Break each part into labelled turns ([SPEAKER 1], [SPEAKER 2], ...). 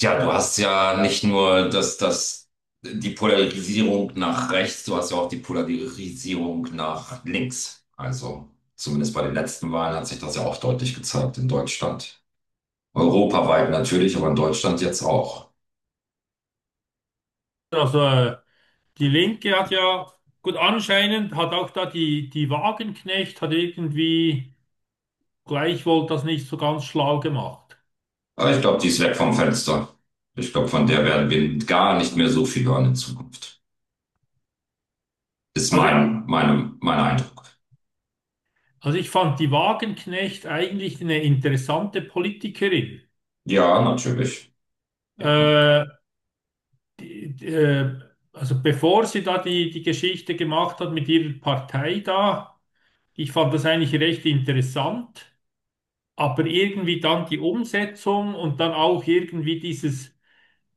[SPEAKER 1] Ja, du hast ja nicht nur die Polarisierung nach rechts, du hast ja auch die Polarisierung nach links. Also zumindest bei den letzten Wahlen hat sich das ja auch deutlich gezeigt in Deutschland. Europaweit natürlich, aber in Deutschland jetzt auch.
[SPEAKER 2] Also äh, die Linke hat ja, gut, anscheinend hat auch da die Wagenknecht hat irgendwie gleichwohl das nicht so ganz schlau gemacht.
[SPEAKER 1] Aber ich glaube, die ist weg vom Fenster. Ich glaube, von der werden wir gar nicht mehr so viel hören in Zukunft. Ist
[SPEAKER 2] Also,
[SPEAKER 1] mein Eindruck.
[SPEAKER 2] also ich fand die Wagenknecht eigentlich eine interessante Politikerin.
[SPEAKER 1] Ja, natürlich. Ja.
[SPEAKER 2] Äh, die, die, äh, also bevor sie da die Geschichte gemacht hat mit ihrer Partei da, ich fand das eigentlich recht interessant, aber irgendwie dann die Umsetzung und dann auch irgendwie dieses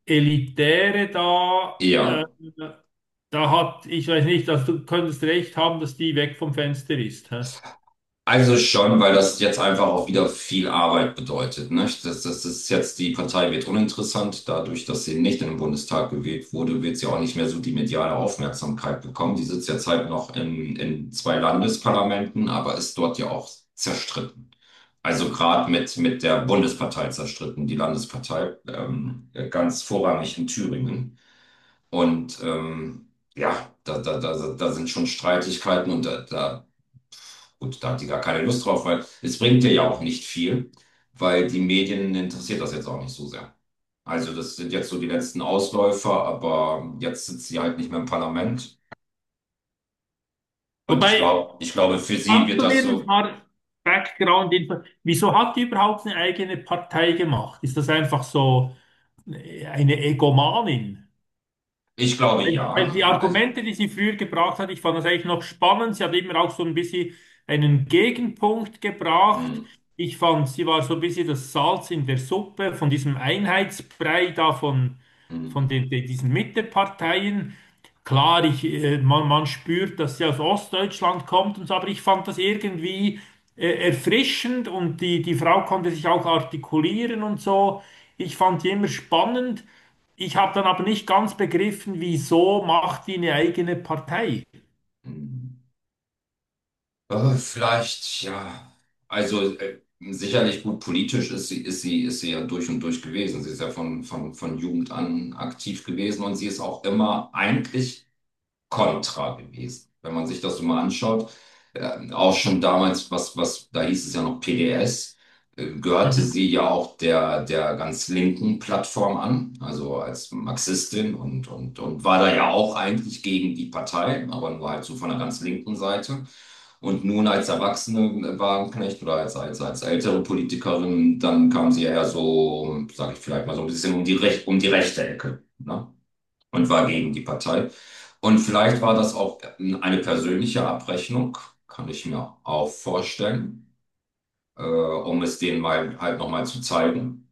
[SPEAKER 2] Elitäre da, äh,
[SPEAKER 1] Ja.
[SPEAKER 2] da hat, ich weiß nicht, also du könntest recht haben, dass die weg vom Fenster ist. Hä?
[SPEAKER 1] Also schon, weil das jetzt einfach auch wieder viel Arbeit bedeutet, ne? Das ist jetzt, die Partei wird uninteressant. Dadurch, dass sie nicht in den Bundestag gewählt wurde, wird sie auch nicht mehr so die mediale Aufmerksamkeit bekommen. Die sitzt jetzt halt noch in zwei Landesparlamenten, aber ist dort ja auch zerstritten. Also gerade mit der Bundespartei zerstritten, die Landespartei, ganz vorrangig in Thüringen. Und ja, da sind schon Streitigkeiten und da. Gut, da hat sie gar keine Lust drauf, weil es bringt ihr ja auch nicht viel, weil die Medien interessiert das jetzt auch nicht so sehr. Also das sind jetzt so die letzten Ausläufer, aber jetzt sitzt sie halt nicht mehr im Parlament. Und ich
[SPEAKER 2] Wobei,
[SPEAKER 1] glaube, ich glaube, für sie
[SPEAKER 2] kannst
[SPEAKER 1] wird
[SPEAKER 2] du mir
[SPEAKER 1] das
[SPEAKER 2] ein
[SPEAKER 1] so,
[SPEAKER 2] paar Background-Info, wieso hat die überhaupt eine eigene Partei gemacht? Ist das einfach so eine Egomanin?
[SPEAKER 1] ich glaube
[SPEAKER 2] Weil
[SPEAKER 1] ja.
[SPEAKER 2] weil die
[SPEAKER 1] Also,
[SPEAKER 2] Argumente, die sie früher gebracht hat, ich fand das eigentlich noch spannend. Sie hat immer auch so ein bisschen einen Gegenpunkt gebracht.
[SPEAKER 1] hm,
[SPEAKER 2] Ich fand, sie war so ein bisschen das Salz in der Suppe von diesem Einheitsbrei da von,
[SPEAKER 1] hm,
[SPEAKER 2] von den, den, diesen Mitteparteien. Klar, man spürt, dass sie aus Ostdeutschland kommt und so, aber ich fand das irgendwie erfrischend und die Frau konnte sich auch artikulieren und so. Ich fand die immer spannend. Ich habe dann aber nicht ganz begriffen, wieso macht die eine eigene Partei.
[SPEAKER 1] hm. Vielleicht, ja. Also sicherlich gut politisch ist sie ja durch und durch gewesen. Sie ist ja von Jugend an aktiv gewesen und sie ist auch immer eigentlich kontra gewesen. Wenn man sich das so mal anschaut, auch schon damals, da hieß es ja noch PDS, gehörte
[SPEAKER 2] Mhm.
[SPEAKER 1] sie ja auch der ganz linken Plattform an, also als Marxistin und war da ja auch eigentlich gegen die Partei, aber nur halt so von der ganz linken Seite. Und nun als Erwachsene Wagenknecht oder als ältere Politikerin, dann kam sie ja eher so, sage ich vielleicht mal so ein bisschen um die Rech um die rechte Ecke. Ne? Und war gegen die Partei. Und vielleicht war das auch eine persönliche Abrechnung, kann ich mir auch vorstellen, um es denen mal halt nochmal zu zeigen.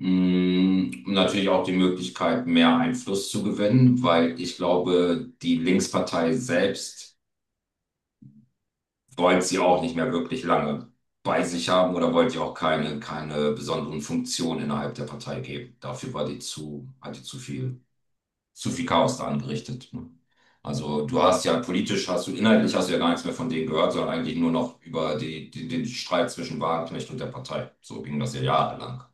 [SPEAKER 1] Und natürlich auch die Möglichkeit, mehr Einfluss zu gewinnen, weil ich glaube, die Linkspartei selbst wollte sie auch nicht mehr wirklich lange bei sich haben oder wollte ihr auch keine besonderen Funktionen innerhalb der Partei geben. Dafür war hatte zu viel zu viel Chaos da angerichtet. Ne? Also du hast ja politisch, hast du inhaltlich hast du ja gar nichts mehr von denen gehört, sondern eigentlich nur noch über den Streit zwischen Wagenknecht und der Partei. So ging das ja jahrelang.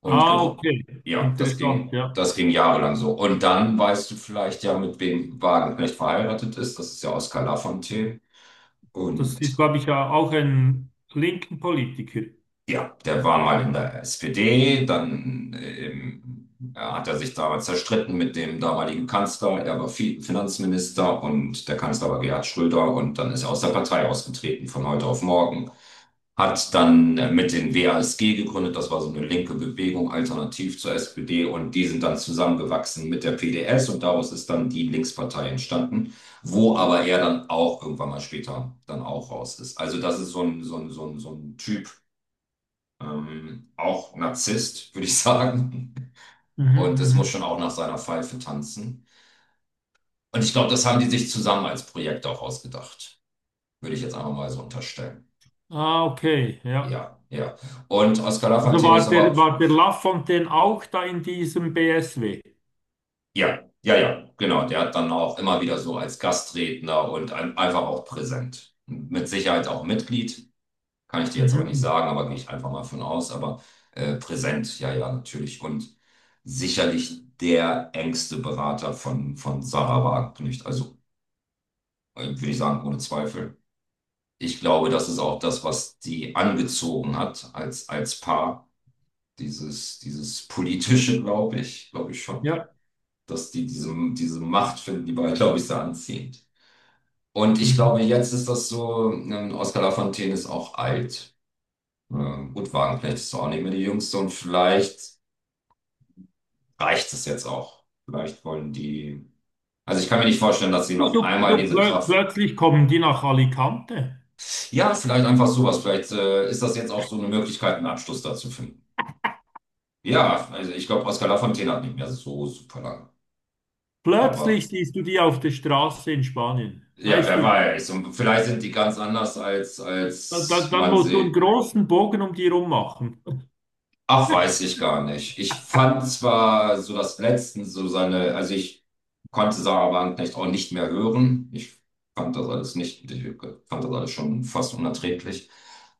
[SPEAKER 1] Und
[SPEAKER 2] Ah, okay. Interessant, ja.
[SPEAKER 1] das ging jahrelang so. Und dann weißt du vielleicht ja, mit wem Wagenknecht verheiratet ist. Das ist ja Oskar Lafontaine.
[SPEAKER 2] Das ist,
[SPEAKER 1] Und
[SPEAKER 2] glaube ich, ja auch ein linken Politiker.
[SPEAKER 1] ja, der war mal in der SPD, dann er hat er sich damals zerstritten mit dem damaligen Kanzler. Er war Finanzminister und der Kanzler war Gerhard Schröder und dann ist er aus der Partei ausgetreten von heute auf morgen. Hat dann mit den WASG gegründet, das war so eine linke Bewegung, alternativ zur SPD und die sind dann zusammengewachsen mit der PDS und daraus ist dann die Linkspartei entstanden, wo aber er dann auch irgendwann mal später dann auch raus ist. Also das ist so ein Typ, auch Narzisst, würde ich sagen.
[SPEAKER 2] Mhm,
[SPEAKER 1] Und es muss schon
[SPEAKER 2] mhm.
[SPEAKER 1] auch nach seiner Pfeife tanzen. Und ich glaube, das haben die sich zusammen als Projekt auch ausgedacht. Würde ich jetzt einfach mal so unterstellen.
[SPEAKER 2] Ah, okay, ja.
[SPEAKER 1] Ja, ja. Und Oscar
[SPEAKER 2] Also
[SPEAKER 1] Lafontaine ist aber,
[SPEAKER 2] war der Lafontaine auch da in diesem BSW?
[SPEAKER 1] ja, genau. Der hat dann auch immer wieder so als Gastredner und einfach auch präsent. Mit Sicherheit auch Mitglied. Kann ich dir jetzt aber nicht
[SPEAKER 2] Mhm.
[SPEAKER 1] sagen, aber gehe ich einfach mal von aus. Aber präsent, ja, ja, natürlich. Und sicherlich der engste Berater von Sarah Wagenknecht. Also würde ich sagen, ohne Zweifel. Ich glaube, das ist auch das, was die angezogen hat als Paar. Dieses politische, glaube ich schon.
[SPEAKER 2] Ja.
[SPEAKER 1] Dass die diese Macht finden, die beide, glaube ich, sehr anziehend. Und ich glaube,
[SPEAKER 2] Mhm.
[SPEAKER 1] jetzt ist das so, Oscar Lafontaine ist auch alt. Gut, Wagenknecht ist auch nicht mehr die Jüngste und vielleicht reicht es jetzt auch. Vielleicht wollen die. Also ich kann mir nicht vorstellen, dass sie
[SPEAKER 2] Du,
[SPEAKER 1] noch
[SPEAKER 2] du,
[SPEAKER 1] einmal
[SPEAKER 2] du,
[SPEAKER 1] diese
[SPEAKER 2] plö
[SPEAKER 1] Kraft.
[SPEAKER 2] plötzlich kommen die nach Alicante.
[SPEAKER 1] Ja, vielleicht einfach sowas. Vielleicht ist das jetzt auch so eine Möglichkeit, einen Abschluss da zu finden. Ja, also ich glaube, Oscar Lafontaine hat nicht mehr so super lange.
[SPEAKER 2] Plötzlich
[SPEAKER 1] Aber
[SPEAKER 2] siehst du die auf der Straße in Spanien.
[SPEAKER 1] ja,
[SPEAKER 2] Weißt
[SPEAKER 1] wer
[SPEAKER 2] du,
[SPEAKER 1] weiß. Und vielleicht sind die ganz anders, als
[SPEAKER 2] dann
[SPEAKER 1] man
[SPEAKER 2] musst du einen
[SPEAKER 1] sie
[SPEAKER 2] großen Bogen um die rum machen.
[SPEAKER 1] ach, weiß ich gar nicht. Ich fand zwar so das Letzten so seine, also ich konnte Sarah Wagenknecht auch nicht mehr hören. Ich fand das alles nicht, ich fand das alles schon fast unerträglich.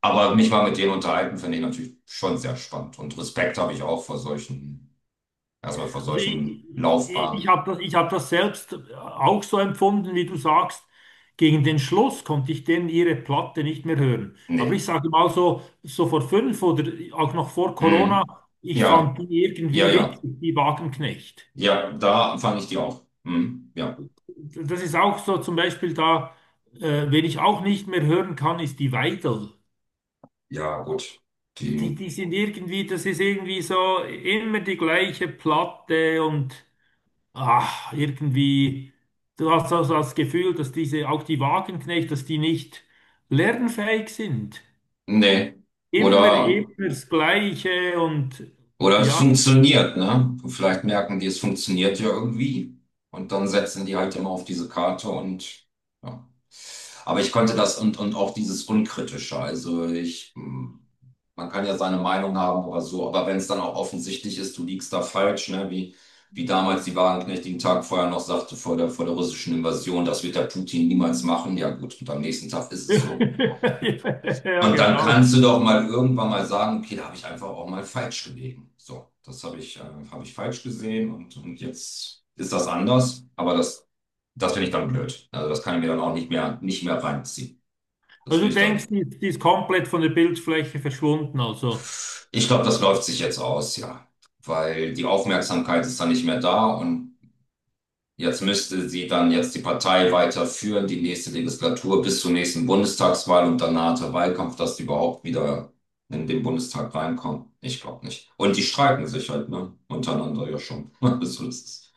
[SPEAKER 1] Aber mich mal mit denen unterhalten, finde ich natürlich schon sehr spannend. Und Respekt habe ich auch vor solchen, erstmal vor
[SPEAKER 2] Also ich,
[SPEAKER 1] solchen
[SPEAKER 2] ich
[SPEAKER 1] Laufbahnen.
[SPEAKER 2] habe das, ich hab das selbst auch so empfunden, wie du sagst. Gegen den Schluss konnte ich denn ihre Platte nicht mehr hören. Aber ich
[SPEAKER 1] Nee.
[SPEAKER 2] sage mal so, so vor fünf oder auch noch vor Corona,
[SPEAKER 1] Mhm.
[SPEAKER 2] ich
[SPEAKER 1] Ja,
[SPEAKER 2] fand die
[SPEAKER 1] ja,
[SPEAKER 2] irgendwie witzig,
[SPEAKER 1] ja.
[SPEAKER 2] die Wagenknecht.
[SPEAKER 1] Ja, da fand ich die auch. Mhm. Ja.
[SPEAKER 2] Das ist auch so zum Beispiel da, wen ich auch nicht mehr hören kann, ist die Weidel.
[SPEAKER 1] Ja, gut.
[SPEAKER 2] Die,
[SPEAKER 1] Die.
[SPEAKER 2] die sind irgendwie, das ist irgendwie so immer die gleiche Platte und ach, irgendwie, du hast also das Gefühl, dass diese, auch die Wagenknecht, dass die nicht lernfähig sind.
[SPEAKER 1] Nee.
[SPEAKER 2] Immer,
[SPEAKER 1] Oder.
[SPEAKER 2] immer das Gleiche und
[SPEAKER 1] Oder es
[SPEAKER 2] ja.
[SPEAKER 1] funktioniert, ne? Vielleicht merken die, es funktioniert ja irgendwie. Und dann setzen die halt immer auf diese Karte und ja. Aber ich konnte das und auch dieses Unkritische. Also ich, man kann ja seine Meinung haben oder so, aber wenn es dann auch offensichtlich ist, du liegst da falsch, ne? Wie damals die Wagenknecht den Tag vorher noch sagte vor der russischen Invasion, das wird der Putin niemals machen. Ja gut, und am nächsten Tag ist es so.
[SPEAKER 2] Ja,
[SPEAKER 1] Und dann
[SPEAKER 2] genau.
[SPEAKER 1] kannst du doch mal irgendwann mal sagen, okay, da habe ich einfach auch mal falsch gelegen. So, das habe ich falsch gesehen und jetzt ist das anders. Aber das finde ich dann blöd. Also das kann ich mir dann auch nicht mehr reinziehen. Das
[SPEAKER 2] Also
[SPEAKER 1] will
[SPEAKER 2] du
[SPEAKER 1] ich
[SPEAKER 2] denkst,
[SPEAKER 1] dann.
[SPEAKER 2] die ist komplett von der Bildfläche verschwunden. Also,
[SPEAKER 1] Ich glaube, das läuft sich jetzt aus, ja. Weil die Aufmerksamkeit ist dann nicht mehr da und jetzt müsste sie dann jetzt die Partei weiterführen, die nächste Legislatur bis zur nächsten Bundestagswahl und danach der Wahlkampf, dass die überhaupt wieder in den Bundestag reinkommen. Ich glaube nicht. Und die streiken sich halt, ne? Untereinander ja schon. Also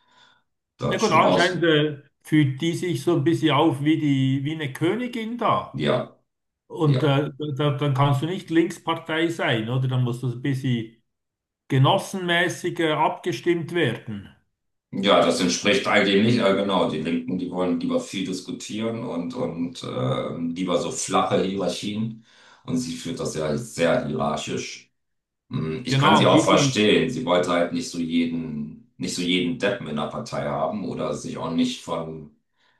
[SPEAKER 1] das
[SPEAKER 2] na
[SPEAKER 1] ist
[SPEAKER 2] gut,
[SPEAKER 1] schon aus.
[SPEAKER 2] anscheinend fühlt die sich so ein bisschen auf wie die, wie eine Königin da.
[SPEAKER 1] Ja,
[SPEAKER 2] Und
[SPEAKER 1] ja.
[SPEAKER 2] äh, Dann kannst du nicht Linkspartei sein, oder? Dann musst du so ein bisschen genossenmäßig abgestimmt werden.
[SPEAKER 1] Ja, das entspricht eigentlich nicht, genau. Die Linken, die wollen lieber viel diskutieren und lieber so flache Hierarchien. Und sie führt das ja sehr hierarchisch. Hm, ich kann sie
[SPEAKER 2] Genau,
[SPEAKER 1] auch
[SPEAKER 2] wie die.
[SPEAKER 1] verstehen. Sie wollte halt nicht so jeden, nicht so jeden Deppen in der Partei haben oder sich auch nicht von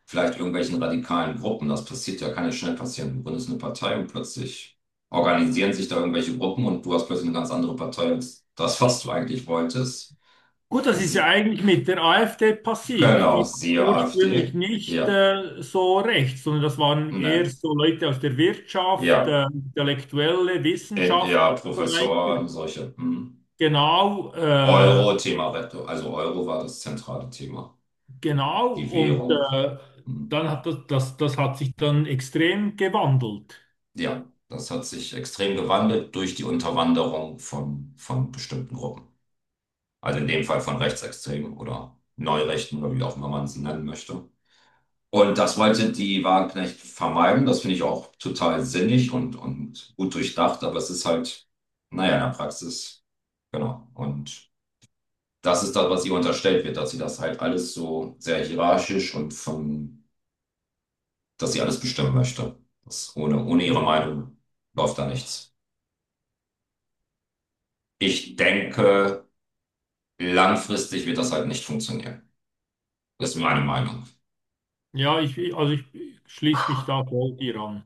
[SPEAKER 1] vielleicht irgendwelchen radikalen Gruppen. Das passiert ja, kann ja schnell passieren. Du gründest eine Partei und plötzlich organisieren sich da irgendwelche Gruppen und du hast plötzlich eine ganz andere Partei als das, was du eigentlich wolltest.
[SPEAKER 2] Gut, das ist ja
[SPEAKER 1] Sie,
[SPEAKER 2] eigentlich mit der AfD passiert.
[SPEAKER 1] genau,
[SPEAKER 2] Die war
[SPEAKER 1] siehe AfD.
[SPEAKER 2] ursprünglich nicht
[SPEAKER 1] Ja,
[SPEAKER 2] äh, so rechts, sondern das waren eher
[SPEAKER 1] ne,
[SPEAKER 2] so Leute aus der Wirtschaft,
[SPEAKER 1] ja,
[SPEAKER 2] Intellektuelle, Wissenschaft und
[SPEAKER 1] Ja,
[SPEAKER 2] so weiter.
[SPEAKER 1] Professor, solche. Hm.
[SPEAKER 2] Genau, äh,
[SPEAKER 1] Euro-Thema, also Euro war das zentrale Thema.
[SPEAKER 2] genau.
[SPEAKER 1] Die Währung. Hm.
[SPEAKER 2] Dann hat das hat sich dann extrem gewandelt.
[SPEAKER 1] Ja, das hat sich extrem gewandelt durch die Unterwanderung von bestimmten Gruppen. Also in dem Fall von Rechtsextremen oder Neurechten oder wie auch immer man sie nennen möchte. Und das wollte die Wagenknecht vermeiden. Das finde ich auch total sinnig und gut durchdacht, aber es ist halt, naja, in der Praxis, genau. Und das ist das, was ihr unterstellt wird, dass sie das halt alles so sehr hierarchisch und von, dass sie alles bestimmen möchte. Das ohne ihre
[SPEAKER 2] Mhm.
[SPEAKER 1] Meinung läuft da nichts. Ich denke, langfristig wird das halt nicht funktionieren. Das ist meine Meinung.
[SPEAKER 2] Ich schließe mich da voll dir an.